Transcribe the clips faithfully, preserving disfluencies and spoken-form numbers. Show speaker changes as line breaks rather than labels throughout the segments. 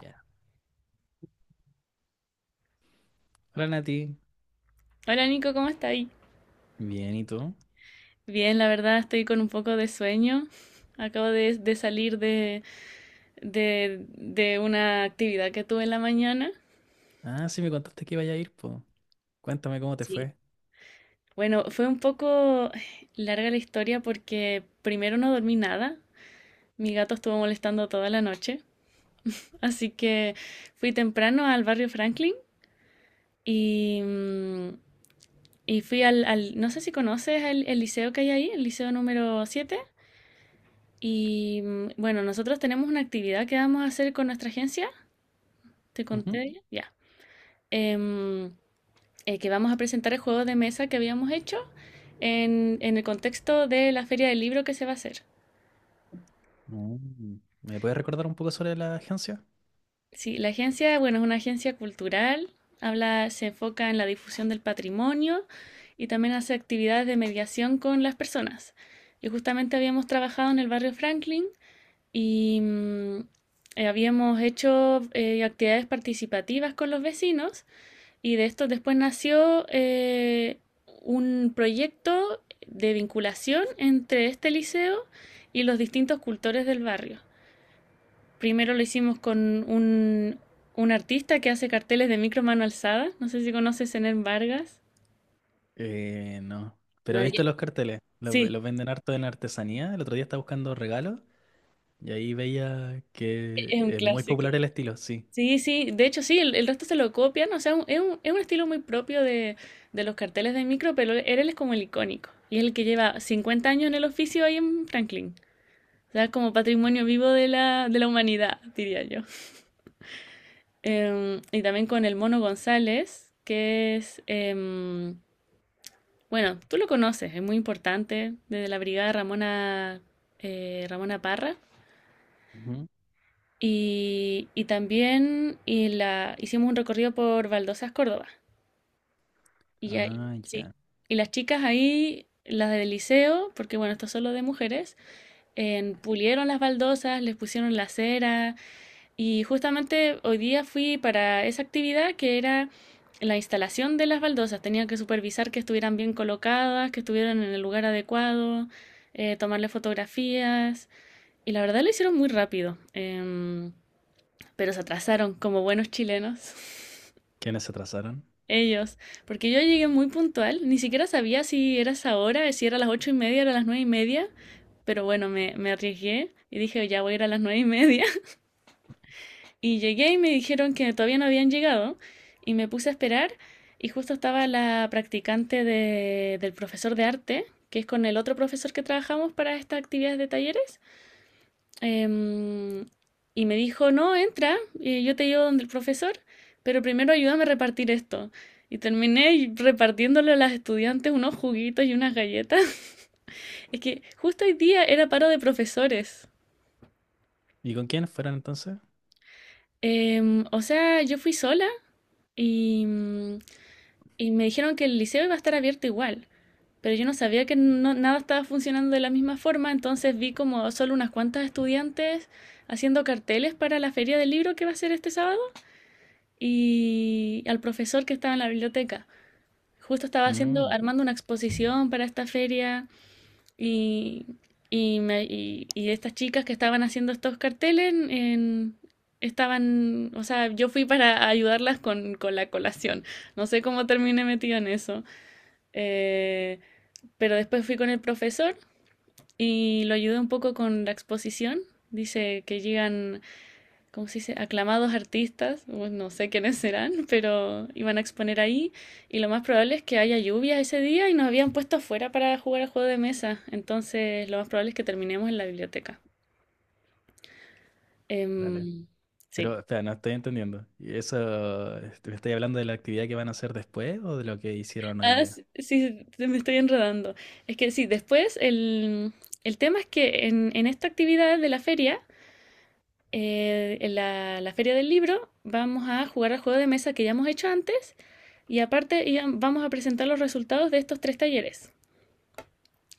Ya. Hola Nati.
Hola Nico, ¿cómo estás?
Bien, ¿y tú?
Bien, la verdad estoy con un poco de sueño. Acabo de, de salir de, de, de una actividad que tuve en la mañana.
Ah, sí, me contaste que iba a ir, pues. Cuéntame cómo te
Sí,
fue.
bueno, fue un poco larga la historia porque primero no dormí nada. Mi gato estuvo molestando toda la noche. Así que fui temprano al barrio Franklin y, mm, y fui al, al- no sé si conoces el, el liceo que hay ahí, el liceo número siete. Y mm, bueno, nosotros tenemos una actividad que vamos a hacer con nuestra agencia, te
Ujú.
conté ya, ya. Em, eh, que vamos a presentar el juego de mesa que habíamos hecho en, en el contexto de la feria del libro que se va a hacer.
Mm. ¿Me puedes recordar un poco sobre la agencia?
Sí, la agencia, bueno, es una agencia cultural, habla, se enfoca en la difusión del patrimonio y también hace actividades de mediación con las personas. Y justamente habíamos trabajado en el barrio Franklin y mm, eh, habíamos hecho eh, actividades participativas con los vecinos y de esto después nació eh, un proyecto de vinculación entre este liceo y los distintos cultores del barrio. Primero lo hicimos con un, un artista que hace carteles de micro mano alzada, no sé si conoces Zenén Vargas.
Eh, no. Pero
Bueno,
viste
yo-
los carteles. Los, ve-
sí,
los venden harto en artesanía. El otro día estaba buscando regalos y ahí veía que
es un
es muy
clásico.
popular el estilo, sí.
Sí, sí, de hecho sí, el, el resto se lo copian, o sea, un- es un, es un estilo muy propio de, de los carteles de micro, pero él él es como el icónico, y es el que lleva cincuenta años en el oficio ahí en Franklin, o sea, como patrimonio vivo de la, de la humanidad, diría yo. Em, y también con el Mono González, que es, em, bueno, tú lo conoces, es muy importante, desde la brigada Ramona, eh, Ramona Parra,
Ujú.
y, y también y la, hicimos un recorrido por Baldosas, Córdoba. Y ya,
Ah,
sí.
ya.
Y las chicas ahí, las del liceo, porque bueno, esto es solo de mujeres, en- pulieron las baldosas, les pusieron la cera. Y justamente hoy día fui para esa actividad que era la instalación de las baldosas. Tenía que supervisar que estuvieran bien colocadas, que estuvieran en el lugar adecuado, eh, tomarle fotografías. Y la verdad lo hicieron muy rápido. Em, pero se atrasaron como buenos chilenos.
¿Quiénes se atrasaron?
Ellos, porque yo llegué muy puntual, ni siquiera sabía si era esa hora, si era a las ocho y media, era a las nueve y media, pero bueno, me, me arriesgué y dije, ya voy a ir a las nueve y media. Y llegué y me dijeron que todavía no habían llegado y me puse a esperar y justo estaba la practicante de- del profesor de arte, que es con el otro profesor que trabajamos para estas actividades de talleres. Em, y me dijo, no, entra, eh, yo te llevo donde el profesor, pero primero ayúdame a repartir esto. Y terminé y- repartiéndole a las estudiantes unos juguitos y unas galletas. Es que justo hoy día era paro de profesores.
¿Y con quiénes fueron entonces?
Em, o sea, yo fui sola y, mm, y me dijeron que el liceo iba a estar abierto igual, pero yo no sabía que no- nada estaba funcionando de la misma forma, entonces vi como solo unas cuantas estudiantes haciendo carteles para la feria del libro que va a ser este sábado. Y al profesor que estaba en la biblioteca. Justo estaba haciendo,
Mm,
armando una exposición para esta feria y, y, me- y- y estas chicas que estaban haciendo estos carteles en- estaban, o sea, yo fui para ayudarlas con, con la colación. No sé cómo terminé metida en eso. Eh, pero después fui con el profesor y lo ayudé un poco con la exposición. Dice que llegan, ¿cómo se dice? Aclamados artistas, bueno, no sé quiénes serán, pero iban a exponer ahí y lo más probable es que haya lluvia ese día y nos habían puesto afuera para jugar al juego de mesa, entonces lo más probable es que terminemos en la biblioteca.
dale.
Em, sí.
Pero, espera, no estoy entendiendo. ¿Y eso, este, me estáis hablando de la actividad que van a hacer después o de lo que hicieron hoy
Ah,
día?
sí, sí, sí, me estoy enredando. Es que sí, después el, el tema es que en, en esta actividad de la feria eh, en la, la feria del libro vamos a jugar al juego de mesa que ya hemos hecho antes y aparte vamos a presentar los resultados de estos tres talleres.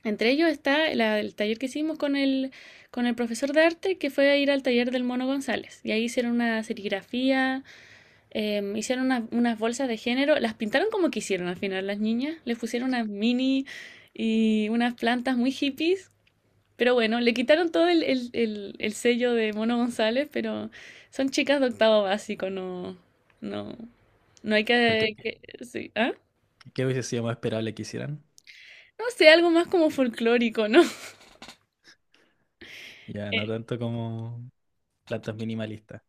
Entre ellos está la- el taller que hicimos con el, con el profesor de arte, que fue a ir al taller del Mono González. Y ahí hicieron una serigrafía, em, hicieron unas, unas bolsas de género, las pintaron como quisieron al final las niñas, les pusieron unas mini y unas plantas muy hippies, pero bueno, le quitaron todo el, el, el, el sello de Mono González, pero son chicas de octavo básico, no, no, no hay
Porque,
que,
¿qué,
que- sí, ¿ah?
qué hubiese sido más esperable que hicieran?
No sé, algo más como folclórico, ¿no?
Ya, no
Eh,
tanto como plantas minimalistas.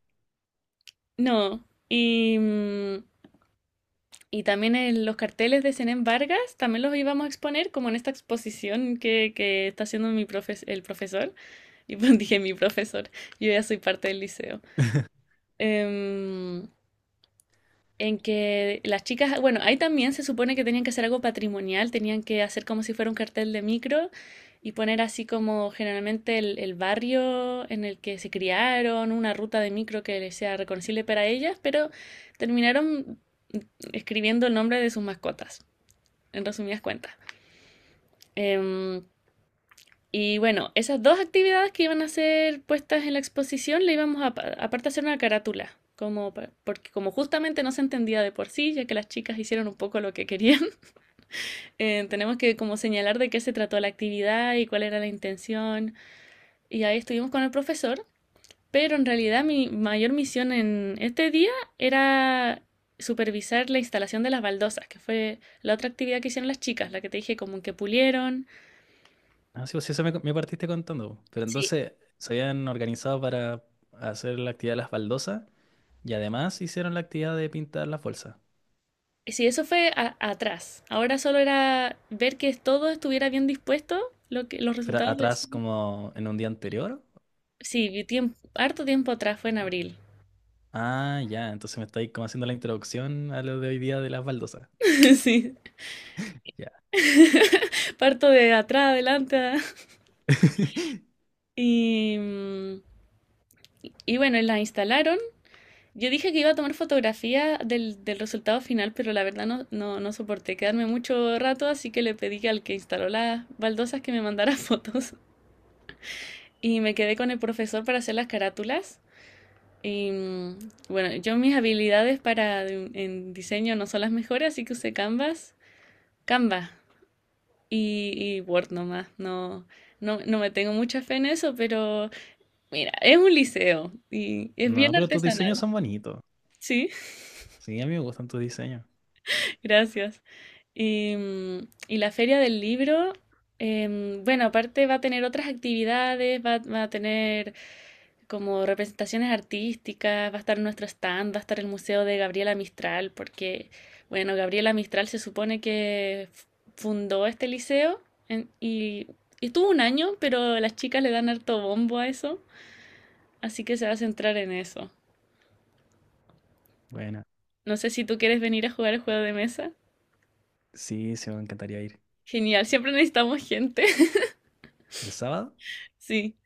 no. Y, mm, y también el- los carteles de Zenén Vargas, también los íbamos a exponer como en esta exposición que, que está haciendo mi profes- el profesor. Y pues dije mi profesor, yo ya soy parte del liceo. Em, en que las chicas, bueno, ahí también se supone que tenían que hacer algo patrimonial, tenían que hacer como si fuera un cartel de micro y poner así como generalmente el, el barrio en el que se criaron, una ruta de micro que les sea reconocible para ellas, pero terminaron escribiendo el nombre de sus mascotas, en resumidas cuentas. Em, y bueno, esas dos actividades que iban a ser puestas en la exposición, le íbamos a, pa- aparte a hacer una carátula, como, porque como justamente no se entendía de por sí, ya que las chicas hicieron un poco lo que querían, eh, tenemos que como señalar de qué se trató la actividad y cuál era la intención. Y ahí estuvimos con el profesor, pero en realidad mi mayor misión en este día era supervisar la instalación de las baldosas, que fue la otra actividad que hicieron las chicas, la que te dije como que pulieron,
Ah, sí, pues sí, eso me, me partiste contando. Po. Pero
sí,
entonces se habían organizado para hacer la actividad de las baldosas y además hicieron la actividad de pintar las bolsas.
sí, eso fue a- atrás. Ahora solo era ver que todo estuviera bien dispuesto, lo que, los
Pero
resultados de...
atrás, como en un día anterior.
Sí, vi tiemp- harto tiempo atrás, fue en abril.
Ah, ya, entonces me estáis como haciendo la introducción a lo de hoy día de las baldosas.
Sí,
Ya.
parto de atrás, adelante. a- Y, mm, y bueno, la instalaron. Yo dije que iba a tomar fotografía del, del resultado final, pero la verdad no, no, no soporté quedarme mucho rato, así que le pedí al que instaló las baldosas que me mandara fotos. Y me quedé con el profesor para hacer las carátulas. Y mm, bueno, yo mis habilidades para en diseño no son las mejores, así que usé Canvas, Canva y, y Word nomás. No, no, no me tengo mucha fe en eso, pero mira, es un liceo y es
No,
bien
pero tus diseños
artesanal.
son bonitos.
Sí,
Sí, a mí me gustan tus diseños.
gracias. Y, mm, y la feria del libro, em, bueno, aparte va a tener otras actividades, va, va a tener como representaciones artísticas, va a estar nuestro stand, va a estar el museo de Gabriela Mistral, porque, bueno, Gabriela Mistral se supone que fundó este liceo en- y, y estuvo un año, pero las chicas le dan harto bombo a eso, así que se va a centrar en eso.
Bueno,
No sé si tú quieres venir a jugar el juego de mesa.
sí, sí, me encantaría ir.
Genial, siempre necesitamos gente.
¿El sábado?
Sí.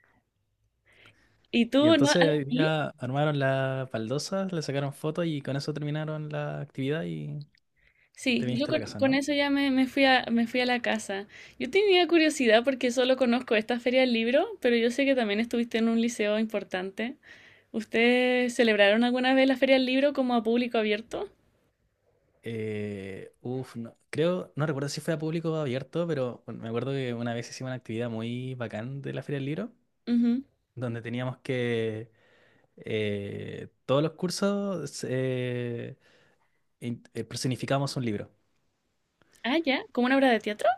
¿Y tú
Y
no, no...
entonces hoy día armaron las baldosas, le sacaron fotos y con eso terminaron la actividad y
Sí,
te
yo
viniste a la
con,
casa,
con
¿no?
eso ya me, me fui a, me fui a la casa. Yo tenía curiosidad porque solo conozco esta feria del libro, pero yo sé que también estuviste en un liceo importante. ¿Ustedes celebraron alguna vez la feria del libro como a público abierto?
Eh, uf, no- creo, no recuerdo si fue a público abierto, pero bueno, me acuerdo que una vez hicimos una actividad muy bacán de la Feria del Libro,
Ujú.
donde teníamos que eh, todos los cursos eh, in- eh, personificábamos un libro.
Ah, ya, como una obra de teatro.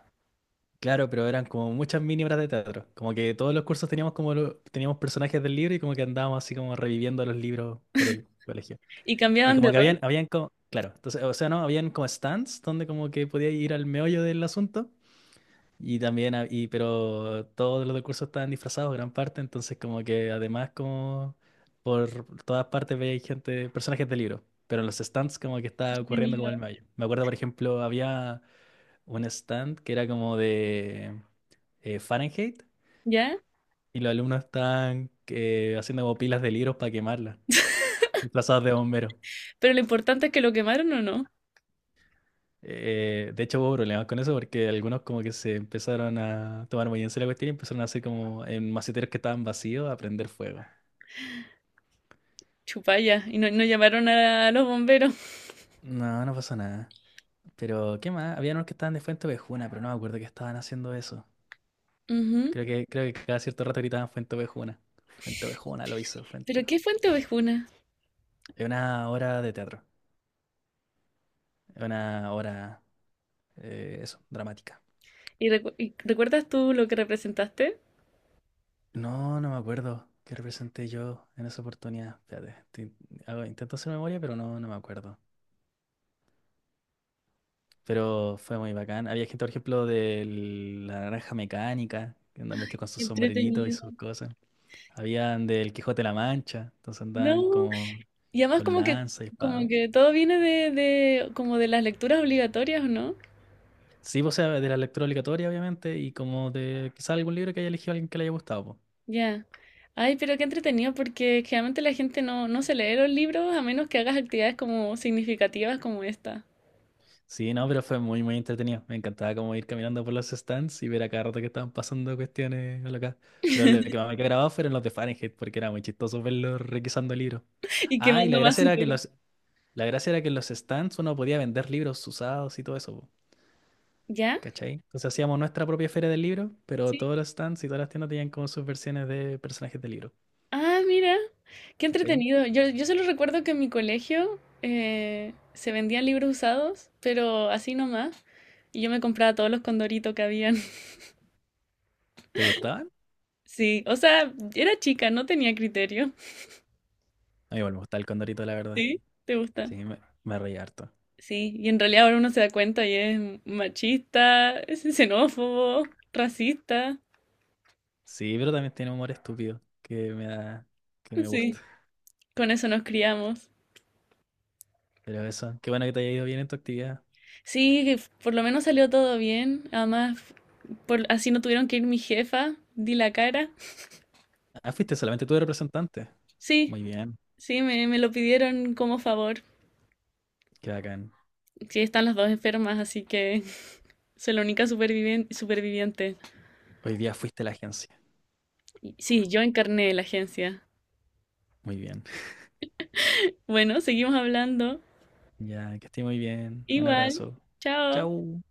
Claro, pero eran como muchas mini obras de teatro. Como que todos los cursos teníamos como lo- teníamos personajes del libro y como que andábamos así como reviviendo los libros por el colegio.
¿Y
Y
cambiaban de
como que
rol?
habían, habían como, claro, entonces, o sea, no, habían como stands donde como que podía ir al meollo del asunto. Y también, ha- y, pero todos los del curso estaban disfrazados, gran parte, entonces como que además como por todas partes veía gente, personajes de libro, pero en los stands como que
Qué
estaba ocurriendo como
entretenido.
el meollo. Me acuerdo, por ejemplo, había un stand que era como de eh, Fahrenheit,
¿Ya?
y los alumnos estaban eh, haciendo como pilas de libros para quemarlas disfrazados de bomberos.
Pero lo importante es que lo quemaron o no.
Eh, de hecho hubo problemas con eso porque algunos como que se empezaron a tomar muy en serio la cuestión y empezaron a hacer como en maceteros que estaban vacíos a prender fuego.
Chupalla. Y no, no llamaron a los bomberos.
No, no pasó nada. Pero, ¿qué más? Había unos que estaban de Fuente Ovejuna, pero no me acuerdo que estaban haciendo eso.
Ujú.
Creo que, creo que cada cierto rato gritaban Fuente Ovejuna. Fuente Ovejuna lo hizo, Fuente
¿Pero qué
Ovejuna.
fuente ovejuna?
Es una obra de teatro. Es una obra, eh, eso, dramática.
¿Y, recu- y recuerdas tú lo que representaste?
No, no me acuerdo qué representé yo en esa oportunidad. Espérate, te- hago- intento hacer memoria, pero no, no me acuerdo. Pero fue muy bacán. Había gente, por ejemplo, de la Naranja Mecánica, que andaban vestidos con sus
Qué
sombreritos y
entretenido.
sus cosas. Habían del Quijote de la Mancha, entonces andaban
No.
como
Y además
con
como que,
lanza y espada.
como que todo viene de, de, como de las lecturas obligatorias, ¿o ¿no?
Sí, pues, o sea, de la lectura obligatoria, obviamente, y como de quizás algún libro que haya elegido alguien que le haya gustado, pues.
Ya. Ay, pero qué entretenido, porque generalmente la gente no, no se lee los libros a menos que hagas actividades como significativas como esta.
Sí, no, pero fue muy, muy entretenido. Me encantaba como ir caminando por los stands y ver a cada rato que estaban pasando cuestiones locas. Pero lo que más me quedó grabado fueron los de Fahrenheit, porque era muy chistoso verlos requisando libros.
Y
Ah, y la
quemando
gracia era que
basura.
los, la gracia era que en los stands uno podía vender libros usados y todo eso, po,
¿Ya?
¿cachai? Entonces hacíamos nuestra propia feria del libro, pero
Sí.
todos los stands y todas las tiendas tenían como sus versiones de personajes de libro,
Ah, mira, qué
¿cachai?
entretenido. Yo, yo solo recuerdo que en mi colegio eh, se vendían libros usados, pero así nomás. Y yo me compraba todos los condoritos que habían.
¿Te gustaban?
Sí, o sea, era chica, no tenía criterio.
A mí igual me gustaba el Condorito, la verdad.
¿Sí? ¿Te
Sí,
gusta?
me, me reía harto.
Sí, y en realidad ahora uno se da cuenta y es machista, es xenófobo, racista.
Sí, pero también tiene humor estúpido que me da, que me gusta.
Sí, con eso nos criamos.
Pero eso, qué bueno que te haya ido bien en tu actividad.
Sí, que f- por lo menos salió todo bien. Además, por, así no tuvieron que ir mi jefa, di la cara.
Ah, fuiste solamente tú de representante.
Sí,
Muy bien,
sí, me, me lo pidieron como favor.
qué bacán.
Sí, están las dos enfermas, así que soy la única supervivien- superviviente.
Hoy día fuiste a la agencia.
Sí, yo encarné la agencia.
Muy bien.
Bueno, seguimos hablando.
Ya, que esté muy bien. Un
Igual,
abrazo.
chao.
Chau.